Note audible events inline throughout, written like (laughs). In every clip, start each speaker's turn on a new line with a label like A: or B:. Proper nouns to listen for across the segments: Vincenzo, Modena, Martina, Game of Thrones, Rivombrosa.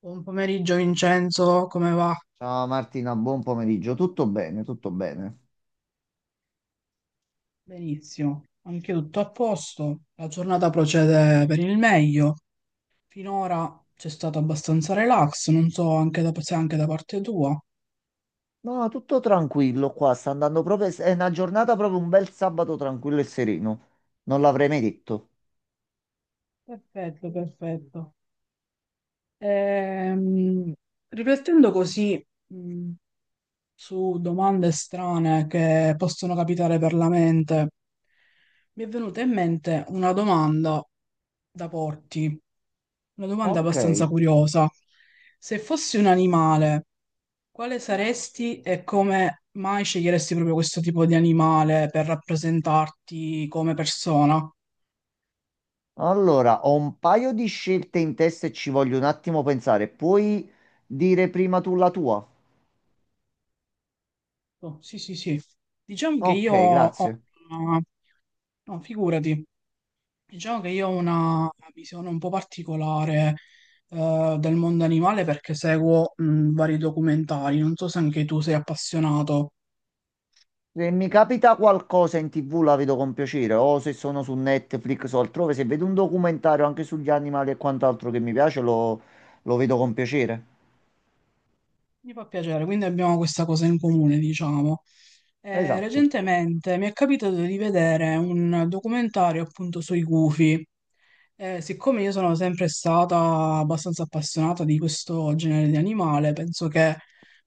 A: Buon pomeriggio Vincenzo, come va?
B: Ciao Martina, buon pomeriggio. Tutto bene, tutto bene.
A: Benissimo, anche tutto a posto. La giornata procede per il meglio. Finora c'è stato abbastanza relax, non so anche se anche da parte tua.
B: No, tutto tranquillo qua, sta andando proprio... È una giornata proprio un bel sabato tranquillo e sereno. Non l'avrei mai detto.
A: Perfetto, perfetto. Ehm, riflettendo così, su domande strane che possono capitare per la mente, mi è venuta in mente una domanda da porti, una domanda
B: Ok,
A: abbastanza curiosa. Se fossi un animale, quale saresti e come mai sceglieresti proprio questo tipo di animale per rappresentarti come persona?
B: allora ho un paio di scelte in testa e ci voglio un attimo pensare. Puoi dire prima tu la tua?
A: Oh, sì, sì, sì. Diciamo che io
B: Ok,
A: ho
B: grazie.
A: una... No, figurati. Diciamo che io ho una visione un po' particolare del mondo animale perché seguo vari documentari. Non so se anche tu sei appassionato.
B: Se mi capita qualcosa in TV la vedo con piacere, o se sono su Netflix o altrove, se vedo un documentario anche sugli animali e quant'altro che mi piace, lo vedo con piacere.
A: Mi fa piacere, quindi abbiamo questa cosa in comune, diciamo.
B: Esatto.
A: Recentemente mi è capitato di vedere un documentario appunto sui gufi. Siccome io sono sempre stata abbastanza appassionata di questo genere di animale, penso che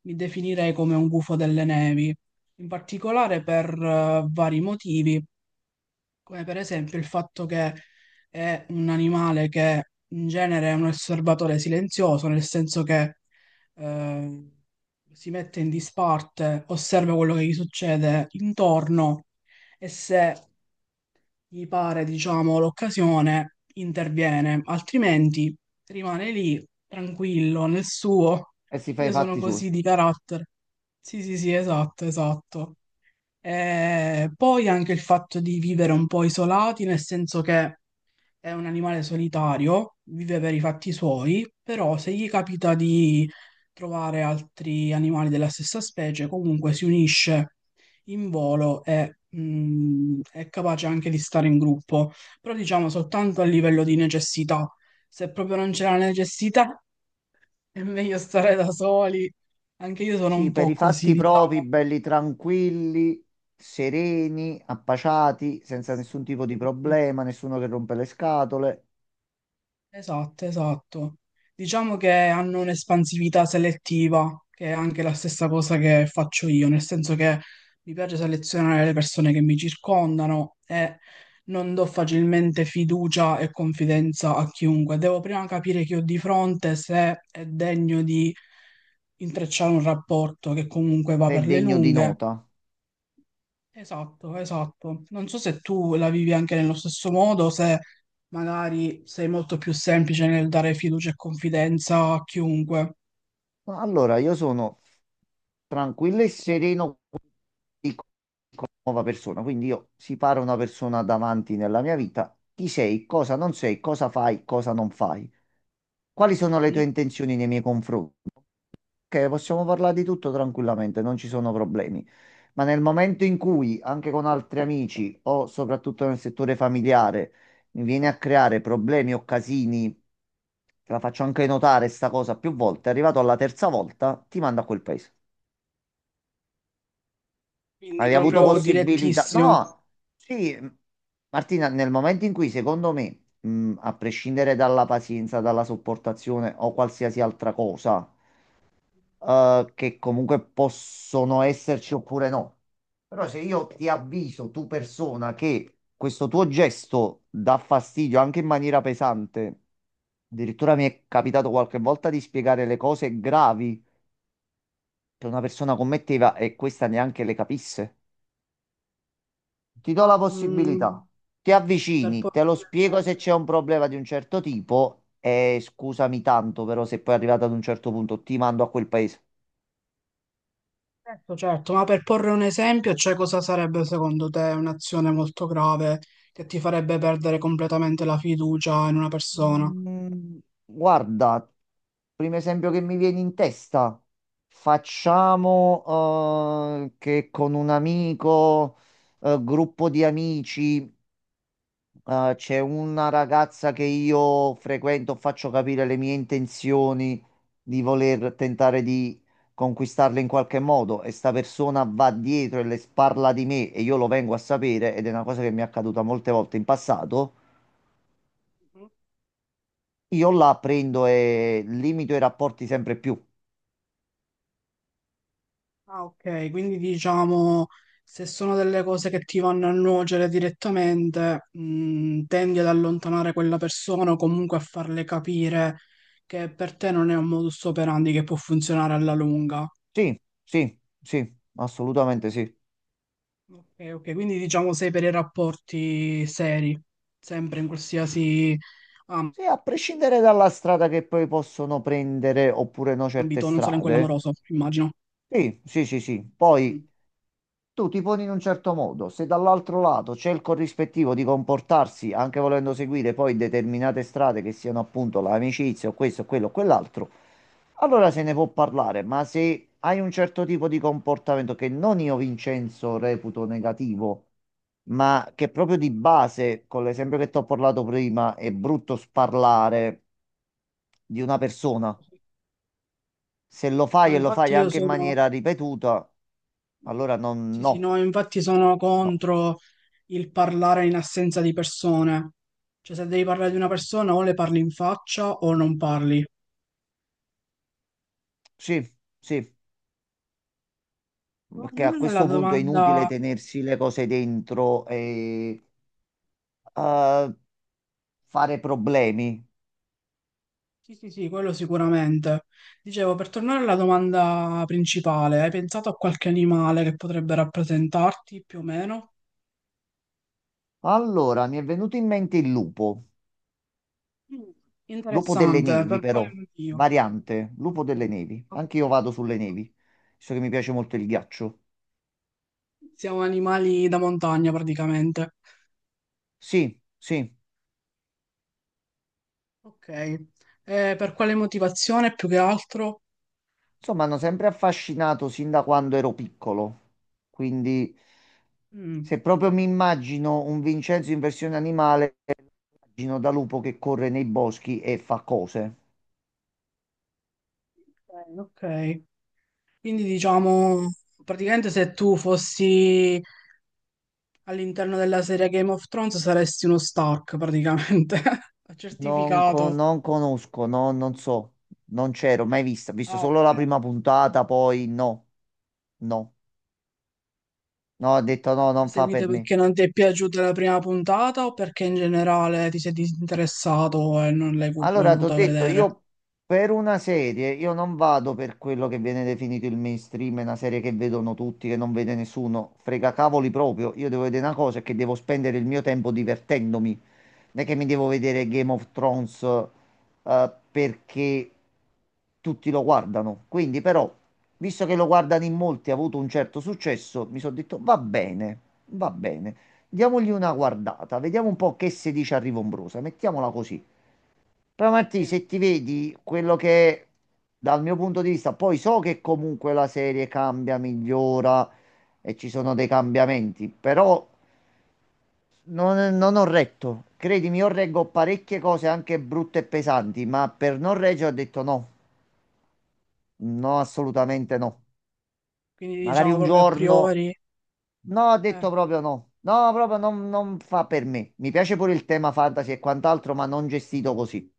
A: mi definirei come un gufo delle nevi, in particolare per vari motivi. Come per esempio il fatto che è un animale che in genere è un osservatore silenzioso, nel senso che eh, si mette in disparte, osserva quello che gli succede intorno e se gli pare, diciamo, l'occasione, interviene, altrimenti rimane lì tranquillo nel suo.
B: E si fa i
A: Io sono
B: fatti suoi.
A: così di carattere. Sì, sì, sì, esatto, esatto. E poi anche il fatto di vivere un po' isolati, nel senso che è un animale solitario, vive per i fatti suoi, però se gli capita di trovare altri animali della stessa specie, comunque si unisce in volo e è capace anche di stare in gruppo, però diciamo soltanto a livello di necessità. Se proprio non c'è la necessità, è meglio stare da soli. Anche io sono un
B: Sì, per
A: po'
B: i
A: così,
B: fatti propri,
A: diciamo.
B: belli tranquilli, sereni, appaciati,
A: Sì,
B: senza
A: sì,
B: nessun tipo
A: sì,
B: di
A: sì, sì.
B: problema, nessuno che rompe le scatole,
A: Esatto, esatto. Diciamo che hanno un'espansività selettiva, che è anche la stessa cosa che faccio io, nel senso che mi piace selezionare le persone che mi circondano e non do facilmente fiducia e confidenza a chiunque. Devo prima capire chi ho di fronte, se è degno di intrecciare un rapporto che comunque va
B: sei
A: per le
B: degno di
A: lunghe.
B: nota.
A: Esatto, esatto. Non so se tu la vivi anche nello stesso modo, se magari sei molto più semplice nel dare fiducia e confidenza a chiunque.
B: Allora, io sono tranquillo e sereno di nuova persona, quindi io separo una persona davanti nella mia vita, chi sei, cosa non sei, cosa fai, cosa non fai. Quali sono le tue
A: Mhm.
B: intenzioni nei miei confronti? Che possiamo parlare di tutto tranquillamente, non ci sono problemi. Ma nel momento in cui, anche con altri amici o soprattutto nel settore familiare, mi viene a creare problemi o casini, te la faccio anche notare sta cosa più volte, arrivato alla terza volta, ti mando a quel paese. Hai
A: Quindi
B: Sì, avuto vabbè.
A: proprio
B: Possibilità?
A: direttissimo.
B: No, sì, Martina, nel momento in cui, secondo me, a prescindere dalla pazienza, dalla sopportazione o qualsiasi altra cosa, che comunque possono esserci oppure no. Però se io ti avviso, tu persona, che questo tuo gesto dà fastidio anche in maniera pesante, addirittura mi è capitato qualche volta di spiegare le cose gravi che una persona commetteva e questa neanche le capisse. Ti do
A: Ma
B: la
A: mm,
B: possibilità, ti
A: per
B: avvicini, te
A: porre
B: lo
A: un
B: spiego se
A: esempio,
B: c'è un problema di un certo tipo e scusami tanto, però se poi arrivato ad un certo punto ti mando a quel paese.
A: certo, certo, ma per porre un esempio, cioè cosa sarebbe secondo te un'azione molto grave che ti farebbe perdere completamente la fiducia in una persona?
B: Mm, Guarda, primo esempio che mi viene in testa, facciamo che con un amico, gruppo di amici, c'è una ragazza che io frequento, faccio capire le mie intenzioni di voler tentare di conquistarle in qualche modo e sta persona va dietro e le sparla di me e io lo vengo a sapere ed è una cosa che mi è accaduta molte volte in passato, io la prendo e limito i rapporti sempre più.
A: Ah, ok, quindi diciamo se sono delle cose che ti vanno a nuocere direttamente, tendi ad allontanare quella persona o comunque a farle capire che per te non è un modus operandi che può funzionare alla lunga.
B: Sì, sì, sì, assolutamente sì.
A: Ok, ok, quindi diciamo sei per i rapporti seri, sempre in qualsiasi
B: Sì, a prescindere dalla strada che poi possono prendere oppure no certe
A: ambito, non solo in quello
B: strade.
A: amoroso, immagino.
B: Sì, sì, sì, sì. Poi
A: Mm.
B: tu ti poni in un certo modo, se dall'altro lato c'è il corrispettivo di comportarsi, anche volendo seguire poi determinate strade che siano appunto l'amicizia o questo, quello o quell'altro, allora se ne può parlare, ma se hai un certo tipo di comportamento che non io Vincenzo reputo negativo, ma che proprio di base, con l'esempio che ti ho parlato prima, è brutto sparlare di una persona, se lo
A: No,
B: fai e lo
A: infatti
B: fai
A: io
B: anche in
A: sono,
B: maniera ripetuta, allora non,
A: sì, sì,
B: no.
A: no, infatti sono
B: No.
A: contro il parlare in assenza di persone. Cioè, se devi parlare di una persona, o le parli in faccia o non parli.
B: Sì, sì,
A: Per
B: perché a
A: tornare alla
B: questo punto è inutile
A: domanda.
B: tenersi le cose dentro e eh, fare problemi.
A: Sì, sì, sì, quello sicuramente. Dicevo, per tornare alla domanda principale, hai pensato a qualche animale che potrebbe rappresentarti più o meno?
B: Allora, mi è venuto in mente il lupo,
A: Mm,
B: lupo delle
A: interessante,
B: nevi
A: per quale
B: però,
A: motivo?
B: variante, lupo
A: Ok,
B: delle nevi.
A: ok,
B: Anche io vado sulle
A: ok.
B: nevi, visto che mi piace molto il ghiaccio.
A: Siamo animali da montagna praticamente.
B: Sì, sì,
A: Ok, per quale motivazione più che altro?
B: insomma, hanno sempre affascinato sin da quando ero piccolo, quindi
A: Mm,
B: se proprio mi immagino un Vincenzo in versione animale, Gino da lupo che corre nei boschi e fa cose.
A: ok, ok. Quindi diciamo, praticamente se tu fossi all'interno della serie Game of Thrones saresti uno Stark, praticamente. (laughs) Ho certificato.
B: Non conosco, no, non so, non c'ero mai vista. Ho visto
A: Ah,
B: solo la
A: ok.
B: prima puntata, poi no, no, no, ho detto
A: Ma
B: no,
A: non le
B: non fa
A: seguite
B: per me.
A: perché non ti è piaciuta la prima puntata o perché in generale ti sei disinteressato e non l'hai
B: Allora, ti ho
A: voluto
B: detto,
A: vedere?
B: io per una serie, io non vado per quello che viene definito il mainstream, è una serie che vedono tutti, che non vede nessuno, frega cavoli proprio. Io devo vedere una cosa e che devo spendere il mio tempo divertendomi. Non è che mi devo vedere Game of Thrones perché tutti lo guardano. Quindi, però, visto che lo guardano in molti, ha avuto un certo successo, mi sono detto va bene, va bene. Diamogli una guardata, vediamo un po' che si dice a Rivombrosa, mettiamola così. Però Martì,
A: Sì.
B: se ti vedi quello che è, dal mio punto di vista, poi so che comunque la serie cambia, migliora e ci sono dei cambiamenti, però non ho retto, credimi, io reggo parecchie cose anche brutte e pesanti, ma per non reggere ho detto no, no, assolutamente
A: Ok.
B: no.
A: Quindi
B: Magari
A: diciamo
B: un
A: proprio a
B: giorno,
A: priori.
B: no, ho
A: Eh.
B: detto proprio no, no, proprio non, non fa per me. Mi piace pure il tema fantasy e quant'altro, ma non gestito così.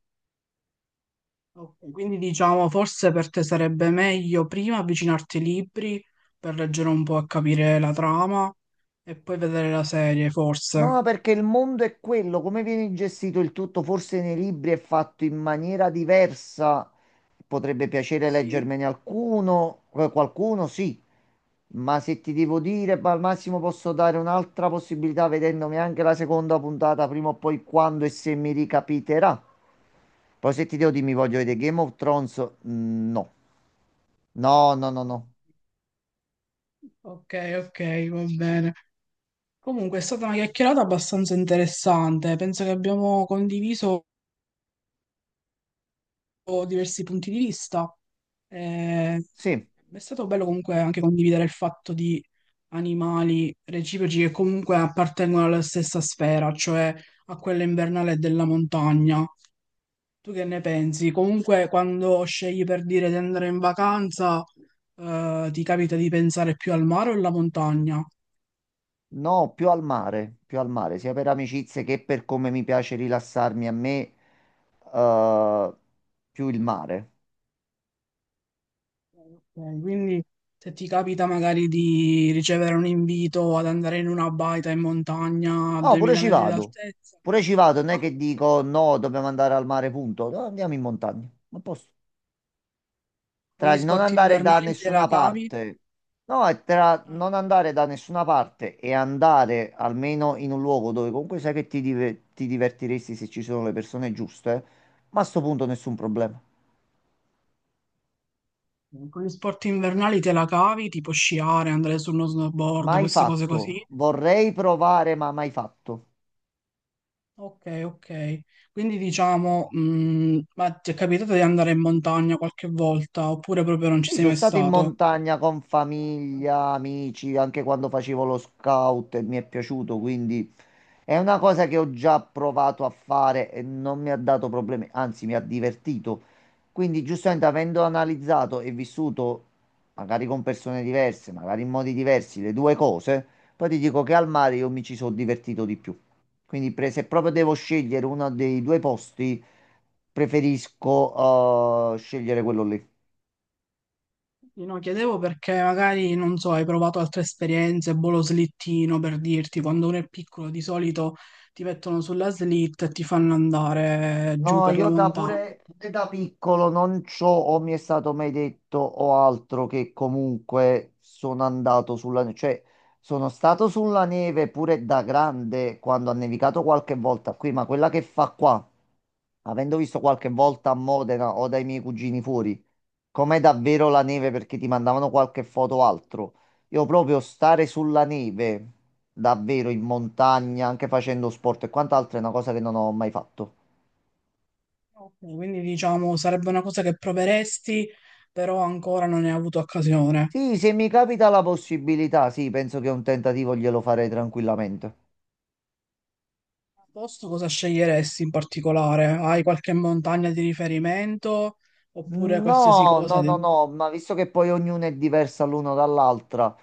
A: Ok, quindi diciamo, forse per te sarebbe meglio prima avvicinarti ai libri per leggere un po' e capire la trama e poi vedere la serie, forse.
B: No, perché il mondo è quello, come viene gestito il tutto, forse nei libri è fatto in maniera diversa. Potrebbe piacere
A: Sì.
B: leggermene alcuno, qualcuno, sì, ma se ti devo dire, ma al massimo posso dare un'altra possibilità vedendomi anche la seconda puntata, prima o poi quando e se mi ricapiterà. Poi se ti devo dire mi voglio
A: Sì.
B: vedere Game of Thrones, mm, no. No, no, no,
A: O-
B: no.
A: Ok, ok, va bene. Comunque è stata una chiacchierata abbastanza interessante, penso che abbiamo condiviso diversi punti di vista. Eh,
B: Sì.
A: è stato bello comunque anche condividere il fatto di animali reciproci che comunque appartengono alla stessa sfera, cioè a quella invernale della montagna. Tu che ne pensi? Comunque quando scegli per dire di andare in vacanza, ti capita di pensare più al mare o alla montagna?
B: No, più al mare, sia per amicizie che per come mi piace rilassarmi a me, eh, più il mare.
A: Ok, quindi se ti capita magari di ricevere un invito ad andare in una baita in montagna a
B: No, pure
A: 2000
B: ci
A: metri
B: vado.
A: d'altezza,
B: Pure ci vado, non è
A: ah,
B: che dico no, dobbiamo andare al mare, punto. No, andiamo in montagna. Ma posso.
A: con
B: Tra
A: gli
B: il non
A: sport
B: andare da
A: invernali te
B: nessuna
A: la cavi?
B: parte, no, è tra
A: Ah,
B: non andare da nessuna parte e andare almeno in un luogo dove comunque sai che ti divertiresti se ci sono le persone giuste, ma a sto punto nessun problema.
A: con gli sport invernali te la cavi, tipo sciare, andare su uno snowboard,
B: Mai
A: queste cose
B: fatto.
A: così.
B: Vorrei provare, ma mai fatto.
A: Ok, ok. Quindi diciamo, ma ti è capitato di andare in montagna qualche volta oppure proprio non ci
B: Sì,
A: sei
B: sono
A: mai
B: stato in
A: stato?
B: montagna con famiglia, amici, anche quando facevo lo scout e mi è piaciuto, quindi è una cosa che ho già provato a fare e non mi ha dato problemi, anzi mi ha divertito. Quindi, giustamente, avendo analizzato e vissuto, magari con persone diverse, magari in modi diversi, le due cose, poi ti dico che al mare io mi ci sono divertito di più. Quindi, se proprio devo scegliere uno dei due posti, preferisco scegliere quello lì.
A: Io no, chiedevo perché magari, non so, hai provato altre esperienze, boh, lo slittino per dirti, quando uno è piccolo di solito ti mettono sulla slitta e ti fanno andare giù
B: No,
A: per la
B: io
A: montagna.
B: pure da piccolo non c'ho o mi è stato mai detto o altro che comunque sono andato sulla neve, cioè sono stato sulla neve pure da grande quando ha nevicato qualche volta qui, ma quella che fa qua, avendo visto qualche volta a Modena o dai miei cugini fuori, com'è davvero la neve perché ti mandavano qualche foto o altro, io proprio stare sulla neve, davvero in montagna, anche facendo sport e quant'altro è una cosa che non ho mai fatto.
A: Ok, quindi diciamo sarebbe una cosa che proveresti, però ancora non ne hai avuto occasione.
B: Sì, se mi capita la possibilità, sì, penso che un tentativo glielo farei tranquillamente.
A: A posto cosa sceglieresti in particolare? Hai qualche montagna di riferimento oppure qualsiasi
B: No,
A: cosa?
B: no, no, no, ma visto che poi ognuno è diversa l'uno dall'altra,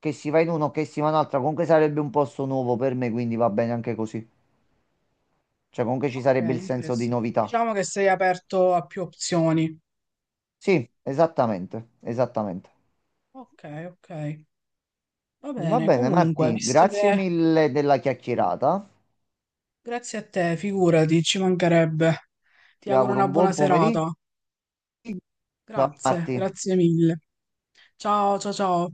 B: che si va in un'altra, comunque sarebbe un posto nuovo per me, quindi va bene anche così. Cioè, comunque ci
A: Ok,
B: sarebbe il senso di
A: interessante.
B: novità.
A: Diciamo che sei aperto a più opzioni.
B: Sì, esattamente, esattamente.
A: Ok, ok. Va
B: Va
A: bene,
B: bene,
A: comunque,
B: Marti,
A: visto
B: grazie
A: che
B: mille della chiacchierata.
A: grazie a te, figurati, ci mancherebbe. Ti
B: Ti
A: auguro
B: auguro
A: una
B: un
A: buona
B: buon pomeriggio.
A: serata.
B: Ciao,
A: Grazie,
B: Marti.
A: grazie mille. Ciao, ciao, ciao.